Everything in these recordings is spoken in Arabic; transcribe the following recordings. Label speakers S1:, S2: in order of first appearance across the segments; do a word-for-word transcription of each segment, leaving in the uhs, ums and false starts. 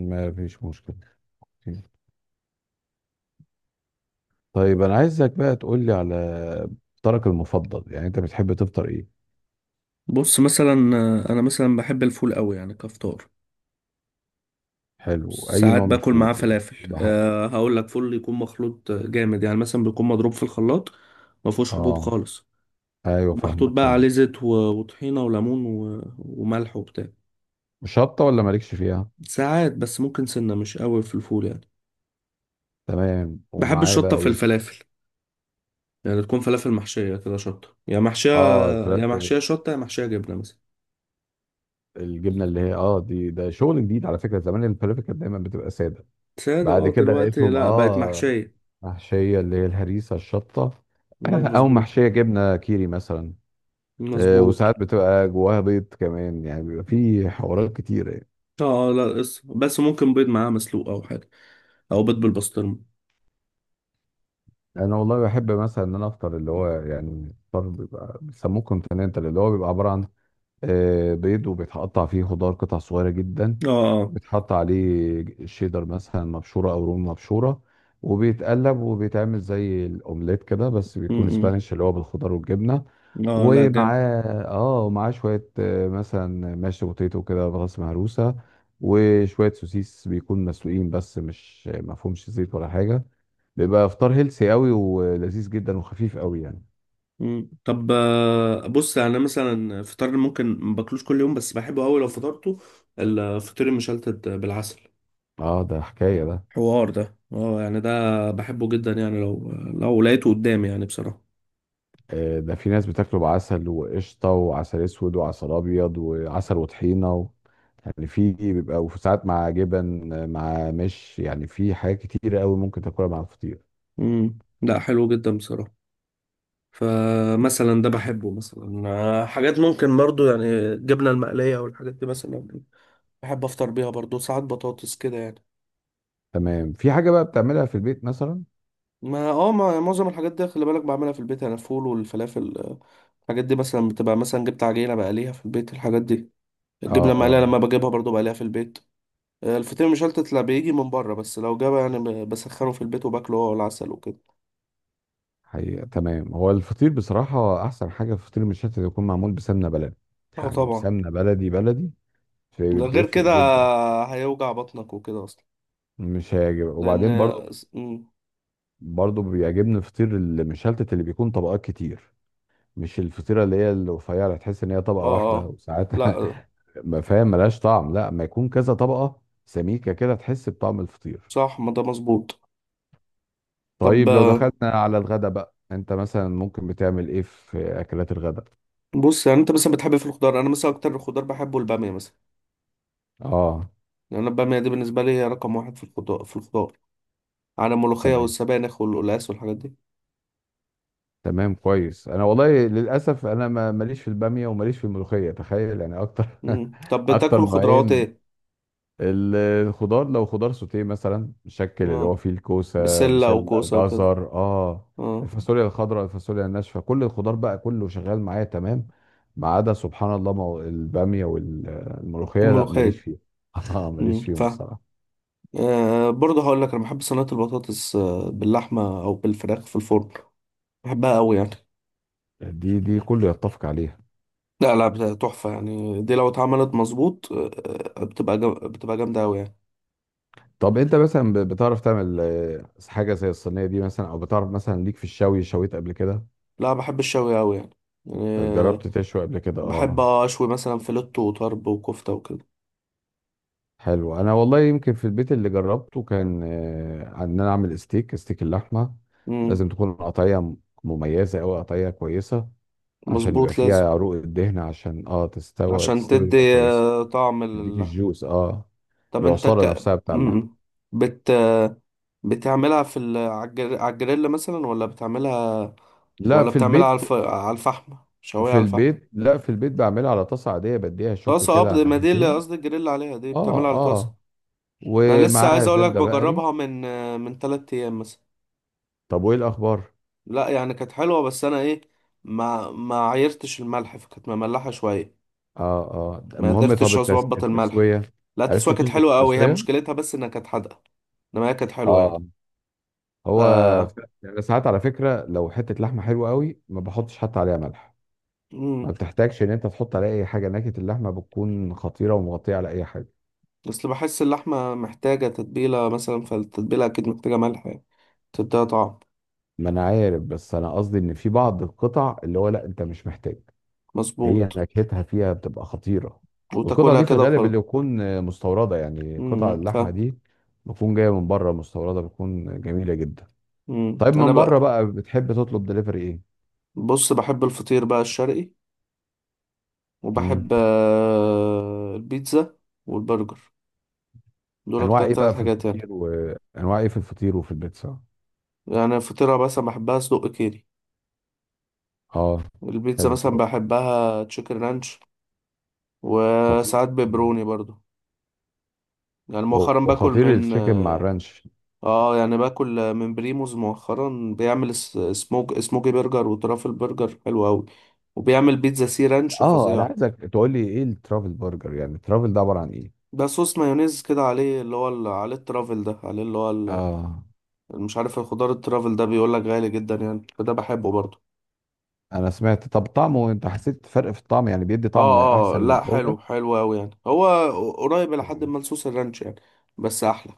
S1: ما فيش مشكلة. طيب أنا عايزك بقى تقول لي على فطارك المفضل، يعني أنت بتحب تفطر إيه؟
S2: بص مثلا، آه، انا مثلا بحب الفول قوي يعني كفطار.
S1: حلو، أي
S2: ساعات
S1: نوع من
S2: باكل معاه
S1: الفول يعني
S2: فلافل.
S1: بح...
S2: أه هقول لك فول يكون مخلوط جامد، يعني مثلا بيكون مضروب في الخلاط، ما فيهوش حبوب
S1: آه،
S2: خالص،
S1: أيوه،
S2: ومحطوط
S1: فاهمك
S2: بقى
S1: فاهمك
S2: عليه زيت و- وطحينه وليمون و- وملح وبتاع.
S1: شطة ولا مالكش فيها؟
S2: ساعات بس، ممكن سنه مش قوي في الفول يعني.
S1: تمام،
S2: بحب
S1: ومعاه
S2: الشطه
S1: بقى
S2: في
S1: إيه؟
S2: الفلافل، يعني تكون فلافل محشيه كده شطه، يا محشيه،
S1: آه،
S2: يا
S1: الفلافل.
S2: محشيه شطه، يا محشيه جبنه مثلا.
S1: الجبنة اللي هي آه دي، ده شغل جديد على فكرة، زمان الفلافل كانت دايما بتبقى سادة.
S2: ساده،
S1: بعد
S2: اه،
S1: كده
S2: دلوقتي
S1: لقيتهم
S2: لا، بقت
S1: آه
S2: محشيه.
S1: محشية، اللي هي الهريسة الشطة،
S2: مم،
S1: أو
S2: مظبوط.
S1: محشية جبنة كيري مثلا. آه،
S2: مظبوط.
S1: وساعات بتبقى جواها بيض كمان، يعني بيبقى في حوارات كتيرة يعني.
S2: اه، اه، لا، بس بس ممكن بيض معاه مسلوق او حاجه، او بيض بالبسطرمه.
S1: انا والله بحب مثلا ان انا افطر اللي هو يعني فطار بيبقى بيسموه كونتيننتال، اللي هو بيبقى عبارة عن آه، بيض وبيتقطع فيه خضار قطع صغيرة جدا،
S2: اه اه
S1: وبيتحط عليه شيدر مثلا مبشورة او رومي مبشورة، وبيتقلب وبيتعمل زي الاومليت كده، بس بيكون
S2: م-
S1: سبانيش اللي هو بالخضار والجبنة.
S2: م. اه، لا، جامد.
S1: ومعاه اه ومعاه شوية آه، مثلا ماشي بوتيتو كده براس مهروسة، وشوية سوسيس بيكون مسلوقين بس مش مفهومش زيت ولا حاجة. بيبقى افطار هيلسي قوي ولذيذ جدا وخفيف قوي يعني.
S2: م. طب، آه، بص، يعني انا مثلا فطار ممكن ما باكلوش كل يوم، بس بحبه قوي لو فطرته الفطير المشلتت بالعسل.
S1: اه، ده حكاية ده
S2: حوار ده، اه، يعني ده بحبه جدا يعني، لو لو لقيته قدامي يعني بصراحه.
S1: آه، ده في ناس بتاكله بعسل وقشطة وعسل اسود وعسل ابيض وعسل وطحينة و... يعني في بيبقى وساعات مع جبن، آه، مع مش يعني في حاجات كتيرة قوي ممكن تاكلها مع الفطير.
S2: امم لا، حلو جدا بصراحه. فمثلا ده بحبه مثلا، آه، حاجات ممكن برضو يعني الجبنه المقليه والحاجات دي مثلا، بحب افطر بيها برضو. ساعات بطاطس كده يعني.
S1: تمام، في حاجة بقى بتعملها في البيت مثلا؟
S2: ما اه ما معظم الحاجات دي خلي بالك بعملها في البيت، انا الفول والفلافل، آه، الحاجات دي مثلا بتبقى، مثلا جبت عجينه بقليها في البيت، الحاجات دي
S1: اه،
S2: الجبنه
S1: اه.
S2: المقليه لما بجيبها برضو بقليها في البيت. آه، الفطير مشلتت لا، بيجي من بره، بس لو جابه يعني ب- بسخنه في البيت وباكله هو، العسل وكده.
S1: حقيقة تمام، هو الفطير بصراحة أحسن حاجة في فطير المشلتت يكون معمول بسمنة بلدي،
S2: اه،
S1: يعني
S2: طبعا.
S1: بسمنة بلدي بلدي. في-
S2: ده غير
S1: بيفرق
S2: كده
S1: جدا.
S2: هيوجع بطنك وكده اصلا.
S1: مش هيعجب
S2: لان
S1: وبعدين برضو،
S2: اه،
S1: برضو بيعجبني فطير المشلتت اللي بيكون طبقات كتير، مش الفطيرة اللي هي الرفيعة تحس إن هي طبقة واحدة
S2: اه،
S1: وساعات
S2: لا،
S1: ما فاهم ملهاش طعم، لا، ما يكون كذا طبقة سميكة كده تحس بطعم الفطير.
S2: صح. ما ده مظبوط. طب،
S1: طيب لو دخلنا
S2: آه،
S1: على الغدا بقى، أنت مثلا ممكن بتعمل إيه في أكلات الغدا؟
S2: بص، يعني انت مثلا بتحب في الخضار، انا مثلا اكتر خضار بحبه الباميه مثلا.
S1: آه،
S2: لأن أنا البامية دي بالنسبة لي هي رقم واحد في الخضار، في الخضار على الملوخية
S1: تمام،
S2: والسبانخ والقلقاس والحاجات دي.
S1: تمام، كويس. انا والله للاسف انا ما- ماليش في الباميه وماليش في الملوخيه، تخيل يعني اكتر.
S2: مم. طب
S1: اكتر
S2: بتاكل خضروات
S1: نوعين
S2: ايه؟
S1: ال- الخضار، لو خضار سوتيه مثلا الشكل اللي هو
S2: اه،
S1: فيه الكوسه
S2: بسلة
S1: بسله
S2: وكوسة وكده.
S1: جزر، اه،
S2: اه،
S1: الفاصوليا الخضراء، الفاصوليا الناشفه، كل الخضار بقى كله شغال معايا تمام، ما عدا سبحان الله مو- الباميه والملوخيه، لا ماليش
S2: وملوخية.
S1: فيها. اه
S2: مم.
S1: ماليش فيهم
S2: فاهم.
S1: بصراحه.
S2: آه برضه هقول لك أنا بحب صينية البطاطس، آه، باللحمة أو بالفراخ في الفرن، بحبها أوي يعني.
S1: دي دي كله يتفق عليها.
S2: لا، لا، بت- تحفة يعني، دي لو اتعملت مظبوط، آه، آه، بتبقى جم... بتبقى جامدة أوي يعني.
S1: طب انت مثلا ب- بتعرف تعمل آه، حاجه زي الصينيه دي مثلا، او بتعرف مثلا ليك في الشوي، شويت قبل كده؟
S2: لا، بحب الشوي أوي يعني، آه،
S1: جربت تشوي قبل كده؟
S2: بحب
S1: اه،
S2: أشوي مثلا فيلتو وطرب وكفتة وكده.
S1: حلو. انا والله يمكن في البيت اللي جربته كان آه، ان انا اعمل ستيك، ستيك اللحمه
S2: مم.
S1: لازم تكون قطعيه مميزه او قطعيه كويسه، عشان يبقى
S2: مظبوط، لازم.
S1: فيها عروق الدهن، عشان اه تستوي
S2: عشان
S1: تستوي تبقى
S2: تدي
S1: كويسه.
S2: آه، طعم
S1: تديك
S2: للحم.
S1: الجوس، اه،
S2: طب انت
S1: العصاره
S2: ك...
S1: نفسها بتاع اللحمه.
S2: مم. بت... بتعملها في ال... على الجر- على الجريل مثلا، ولا بتعملها،
S1: لا،
S2: ولا
S1: في
S2: بتعملها على
S1: البيت.
S2: الف... على الفحم، شوية
S1: في
S2: على الفحم؟
S1: البيت، لا، في البيت بعملها على طاسه عاديه، بديها شوك
S2: طاسة
S1: كده على
S2: قبل ما دي، اللي
S1: ناحيتين.
S2: قصدي الجريل عليها، دي بتعملها
S1: اه
S2: على طاسة.
S1: اه،
S2: انا لسه عايز
S1: ومعاها
S2: اقولك
S1: زبدة بقري.
S2: بجربها من آه، من تلات ايام مثلا.
S1: طب وايه الاخبار؟
S2: لا يعني كانت حلوة، بس انا ايه، ما ما عيرتش الملح، فكانت مملحة شوية.
S1: اه اه.
S2: ما
S1: المهم، طب
S2: قدرتش
S1: التس...
S2: اظبط الملح.
S1: التسوية،
S2: لا،
S1: عرفت
S2: التسوية كانت
S1: تظبط
S2: حلوة قوي، هي
S1: التسوية؟
S2: مشكلتها بس انها كانت حادقة. انما هي كانت حلوة
S1: اه،
S2: يعني. ف
S1: هو ف- يعني ساعات على فكرة لو حتة لحمة حلوة قوي ما بحطش حتى عليها ملح، ما
S2: مم.
S1: بتحتاجش ان انت تحط عليها اي حاجة، نكهة اللحمة بتكون خطيرة ومغطية على اي حاجة.
S2: اصل بحس اللحمة محتاجة تتبيلة، مثلا فالتتبيلة أكيد محتاجة ملح يعني، تديها طعم.
S1: ما انا عارف، بس انا قصدي ان في بعض القطع اللي هو لا انت مش محتاج، هي
S2: مظبوط.
S1: نكهتها فيها بتبقى خطيرة. والقطع
S2: وتاكلها
S1: دي في
S2: كده
S1: الغالب
S2: وخلاص.
S1: اللي يكون آه، مستوردة، يعني قطع
S2: مم. ف
S1: اللحمة دي بتكون جاية من بره مستوردة بتكون جميلة جدا.
S2: مم.
S1: طيب
S2: أنا
S1: من بره
S2: بقى،
S1: بقى بتحب تطلب دليفري ايه؟
S2: بص، بحب الفطير بقى الشرقي،
S1: مم.
S2: وبحب آه، البيتزا والبرجر، دول
S1: انواع
S2: أكتر
S1: ايه
S2: تلات
S1: بقى في
S2: حاجات يعني.
S1: الفطير، وانواع ايه في الفطير وفي البيتزا؟
S2: يعني الفطيرة مثلا بحبها سجق كيري،
S1: اه،
S2: البيتزا
S1: حلو،
S2: مثلا
S1: سجق.
S2: بحبها تشيكن رانش،
S1: خطير.
S2: وساعات
S1: مم.
S2: بيبروني برضو. يعني
S1: هو
S2: مؤخرا باكل
S1: خطير
S2: من،
S1: التشيكن مع الرانش.
S2: اه يعني باكل من بريموز مؤخرا، بيعمل اس- سموك سموكي برجر وترافل برجر حلو قوي، وبيعمل بيتزا سي رانش
S1: اه، انا
S2: فظيعة.
S1: عايزك تقول لي ايه الترافل برجر، يعني الترافل ده عبارة عن ايه؟
S2: ده صوص مايونيز كده عليه، اللي هو ال- عليه الترافل ده، عليه اللي هو ال-
S1: اه،
S2: مش عارف الخضار الترافل ده، بيقول لك غالي جدا يعني، فده بحبه برضه.
S1: انا سمعت. طب طعمه انت حسيت فرق في الطعم، يعني بيدي طعم
S2: اه، اه،
S1: احسن
S2: لا،
S1: للبرجر؟
S2: حلو، حلو قوي يعني. هو قريب لحد
S1: مم.
S2: ما لصوص الرانش يعني، بس احلى.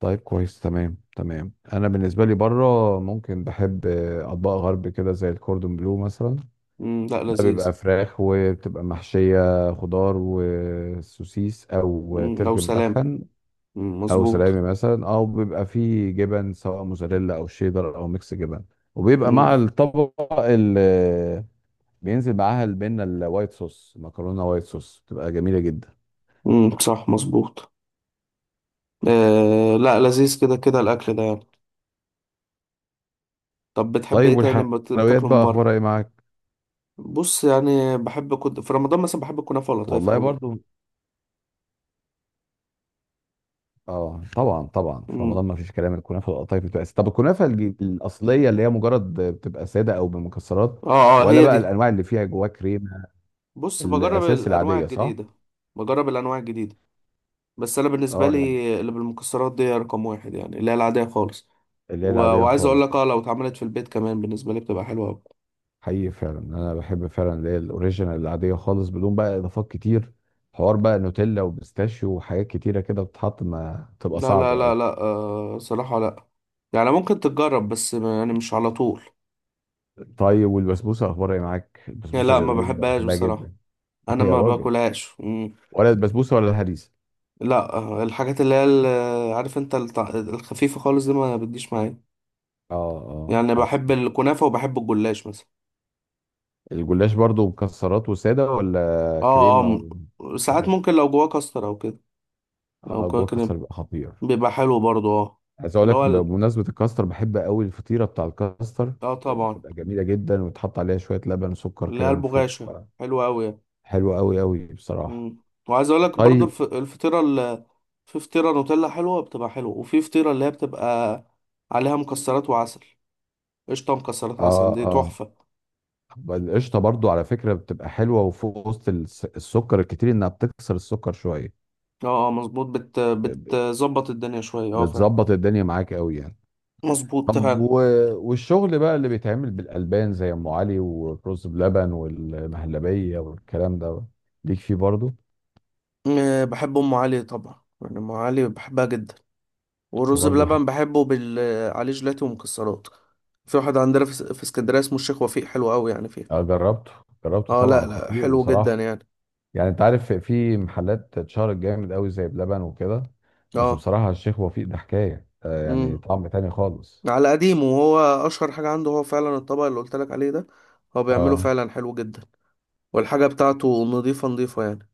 S1: طيب، كويس، تمام تمام. انا بالنسبه لي بره ممكن بحب آه، اطباق غرب كده زي الكوردون بلو مثلا.
S2: مم، لا،
S1: ده
S2: لذيذ.
S1: بيبقى فراخ وبتبقى محشيه خضار وسوسيس او
S2: مم، لو
S1: تركي
S2: سلام.
S1: مدخن
S2: مم،
S1: او سلامي
S2: مظبوط.
S1: مثلا، او بيبقى فيه جبن سواء موزاريلا او شيدر او ميكس جبن، وبيبقى
S2: مم.
S1: مع الطبق اللي بينزل معاها البنه الوايت صوص، مكرونه وايت صوص بتبقى جميله جدا.
S2: مم، صح، مظبوط. آه، لا، لذيذ كده، كده الاكل ده يعني. طب بتحب ايه
S1: طيب
S2: تاني بت-
S1: والحلويات
S2: بتاكله من
S1: بقى
S2: بره؟
S1: اخبارها ايه معاك؟
S2: بص يعني بحب، كنت في رمضان مثلا بحب الكنافه واللطايف
S1: والله
S2: قوي يعني.
S1: برضو. اه طبعا طبعا، في
S2: امم
S1: رمضان ما فيش كلام، الكنافه والقطايف بتبقى أساسية. طب الكنافه الج- الاصليه اللي هي مجرد بتبقى ساده او بمكسرات،
S2: اه، اه،
S1: ولا
S2: هي
S1: بقى
S2: دي.
S1: الانواع اللي فيها جواها كريمه؟
S2: بص، بجرب
S1: الاساس
S2: الانواع
S1: العاديه، صح؟
S2: الجديده. بجرب الانواع الجديده، بس انا بالنسبه
S1: اه، يعني
S2: لي اللي بالمكسرات دي رقم واحد، يعني اللي هي العاديه خالص.
S1: اللي هي
S2: و...
S1: العاديه
S2: وعايز اقول
S1: خالص
S2: لك،
S1: ده.
S2: اه لو اتعملت في البيت كمان بالنسبه لي بتبقى حلوه أوي.
S1: حقيقي فعلا، انا بحب فعلا اللي هي الاوريجينال العاديه خالص بدون بقى اضافات كتير. حوار بقى نوتيلا وبيستاشيو وحاجات كتيره كده بتتحط، ما تبقى
S2: لا، لا،
S1: صعبه
S2: لا،
S1: قوي.
S2: لا، آه صراحه، لا. يعني ممكن تتجرب، بس ما- يعني مش على طول.
S1: طيب والبسبوسه اخبارها ايه معاك؟
S2: يعني
S1: البسبوسه
S2: لا، ما
S1: جميله جدا
S2: بحبهاش
S1: بحبها
S2: بصراحه.
S1: جدا.
S2: انا
S1: يا
S2: ما
S1: راجل،
S2: باكلهاش.
S1: ولا البسبوسه ولا الهريسه؟
S2: لا، آه، الحاجات اللي هي ال- عارف انت التع- الخفيفة خالص دي ما بتجيش معايا.
S1: اه اه،
S2: يعني
S1: عارف.
S2: بحب الكنافة، وبحب الجلاش مثلا.
S1: الجلاش برضو مكسرات وساده ولا
S2: اه، اه،
S1: كريمه
S2: م- ساعات
S1: وحاجات؟
S2: ممكن لو جواه كاستر او كده، او
S1: اه،
S2: كده
S1: جوه
S2: كده
S1: كاستر بيبقى خطير.
S2: بيبقى حلو برضو، اه.
S1: عايز اقول
S2: اللي
S1: لك
S2: هو ال...
S1: بمناسبه الكاستر، بحب قوي الفطيره بتاع الكاستر،
S2: اه طبعا.
S1: بتبقى جميله جدا وتحط عليها شويه لبن وسكر
S2: اللي هي
S1: كده من فوق.
S2: البغاشة حلوة اوي يعني.
S1: حلوه قوي قوي بصراحه.
S2: مم. وعايز اقول لك برضو
S1: طيب.
S2: الف... الفطيرة ال... في فطيرة نوتيلا حلوة، بتبقى حلوة. وفي فطيرة اللي هي بتبقى عليها مكسرات وعسل، قشطة مكسرات
S1: اه
S2: عسل، دي
S1: اه،
S2: تحفة.
S1: القشطه برضو على فكره بتبقى حلوه وفوق وسط الس- السكر الكتير، انها بتكسر السكر شويه.
S2: اه، اه، مظبوط. بت...
S1: ب- ب-
S2: بتظبط الدنيا شوية، اه فعلا.
S1: بتظبط الدنيا معاك قوي يعني.
S2: مظبوط
S1: طب و...
S2: فعلا.
S1: والشغل بقى اللي بيتعمل بالألبان زي أم علي والرز بلبن والمهلبية والكلام ده، ليك فيه برضه؟
S2: م- بحب ام علي طبعا، يعني ام علي بحبها جدا.
S1: أنا
S2: والرز
S1: برضه بحب.
S2: بلبن بحبه بال عليه جيلاتي ومكسرات. في واحد عندنا في, اس- في اسكندريه اسمه الشيخ وفيق، حلو قوي يعني
S1: آه،
S2: فيه.
S1: جربته، جربته
S2: اه، لا،
S1: طبعا،
S2: لا،
S1: خطير
S2: حلو جدا
S1: بصراحة.
S2: يعني.
S1: يعني أنت عارف في محلات اتشهرت جامد قوي زي بلبن وكده، بس
S2: اه.
S1: بصراحة الشيخ وفيق ده حكاية. آه، يعني
S2: امم
S1: طعم تاني خالص.
S2: على قديمه، وهو اشهر حاجه عنده، هو فعلا الطبق اللي قلت لك عليه ده، هو بيعمله
S1: اه،
S2: فعلا حلو جدا. والحاجه بتاعته نظيفه نظيفه يعني.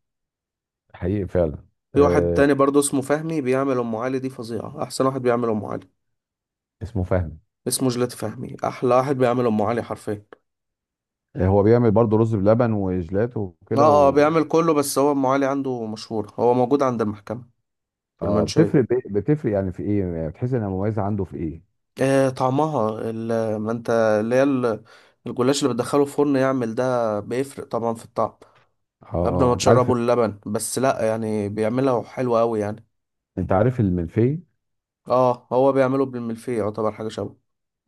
S1: حقيقي فعلا.
S2: في واحد
S1: آه،
S2: تاني برضه اسمه فهمي، بيعمل ام علي، دي فظيعه، احسن واحد بيعمل ام علي.
S1: اسمه فهمي.
S2: اسمه جيلاتي فهمي، احلى واحد بيعمل ام علي حرفيا.
S1: آه، هو بيعمل برضه رز بلبن وجيلاتي وكده
S2: اه، آه،
S1: و...
S2: بيعمل كله، بس هو ام علي عنده مشهور، هو موجود عند المحكمة في
S1: اه،
S2: المنشية.
S1: بتفرق بي- بتفرق يعني في ايه، يعني بتحس انها مميزة عنده في ايه؟
S2: آه طعمها ال- ما انت اللي هي ال- الجلاش اللي بتدخله الفرن يعمل ده بيفرق طبعا في الطعم،
S1: اه
S2: قبل ما
S1: اه، انت عارف.
S2: تشربه اللبن بس، لا يعني بيعملها حلوة قوي يعني.
S1: انت عارف المنفي.
S2: اه، هو بيعمله بالملفيه، يعتبر حاجة شبه،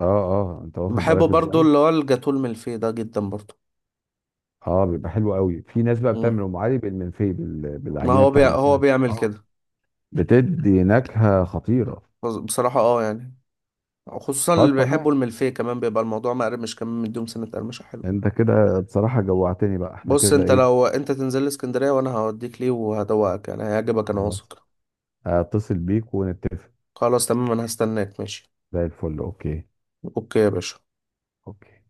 S1: اه اه، انت واخد
S2: بحبه
S1: بالك
S2: برضو
S1: ازاي.
S2: اللي هو الجاتو الملفيه ده جدا برضو.
S1: اه بيبقى حلو قوي. في ناس بقى
S2: مم.
S1: بتعمل ام علي بالمنفي بال...
S2: ما
S1: بالعجينه
S2: هو
S1: بتاع
S2: بي... هو
S1: المنفي.
S2: بيعمل
S1: اه،
S2: كده.
S1: بتدي نكهه خطيره.
S2: بص- بصراحة اه يعني، خصوصا اللي
S1: طب تمام،
S2: بيحبوا الملفيه، كمان بيبقى الموضوع مقرمش، كمان مديهم سنة قرمشة حلوة.
S1: انت كده بصراحه جوعتني بقى، احنا
S2: بص
S1: كده
S2: انت،
S1: ايه.
S2: لو انت تنزل لي اسكندرية، وانا هوديك ليه وهدوقك، يعني هيعجبك، انا
S1: خلاص،
S2: واثق.
S1: اتصل بيك ونتفق.
S2: خلاص تمام، انا هستناك، ماشي.
S1: زي الفل، اوكي.
S2: اوكي يا باشا.
S1: اوكي.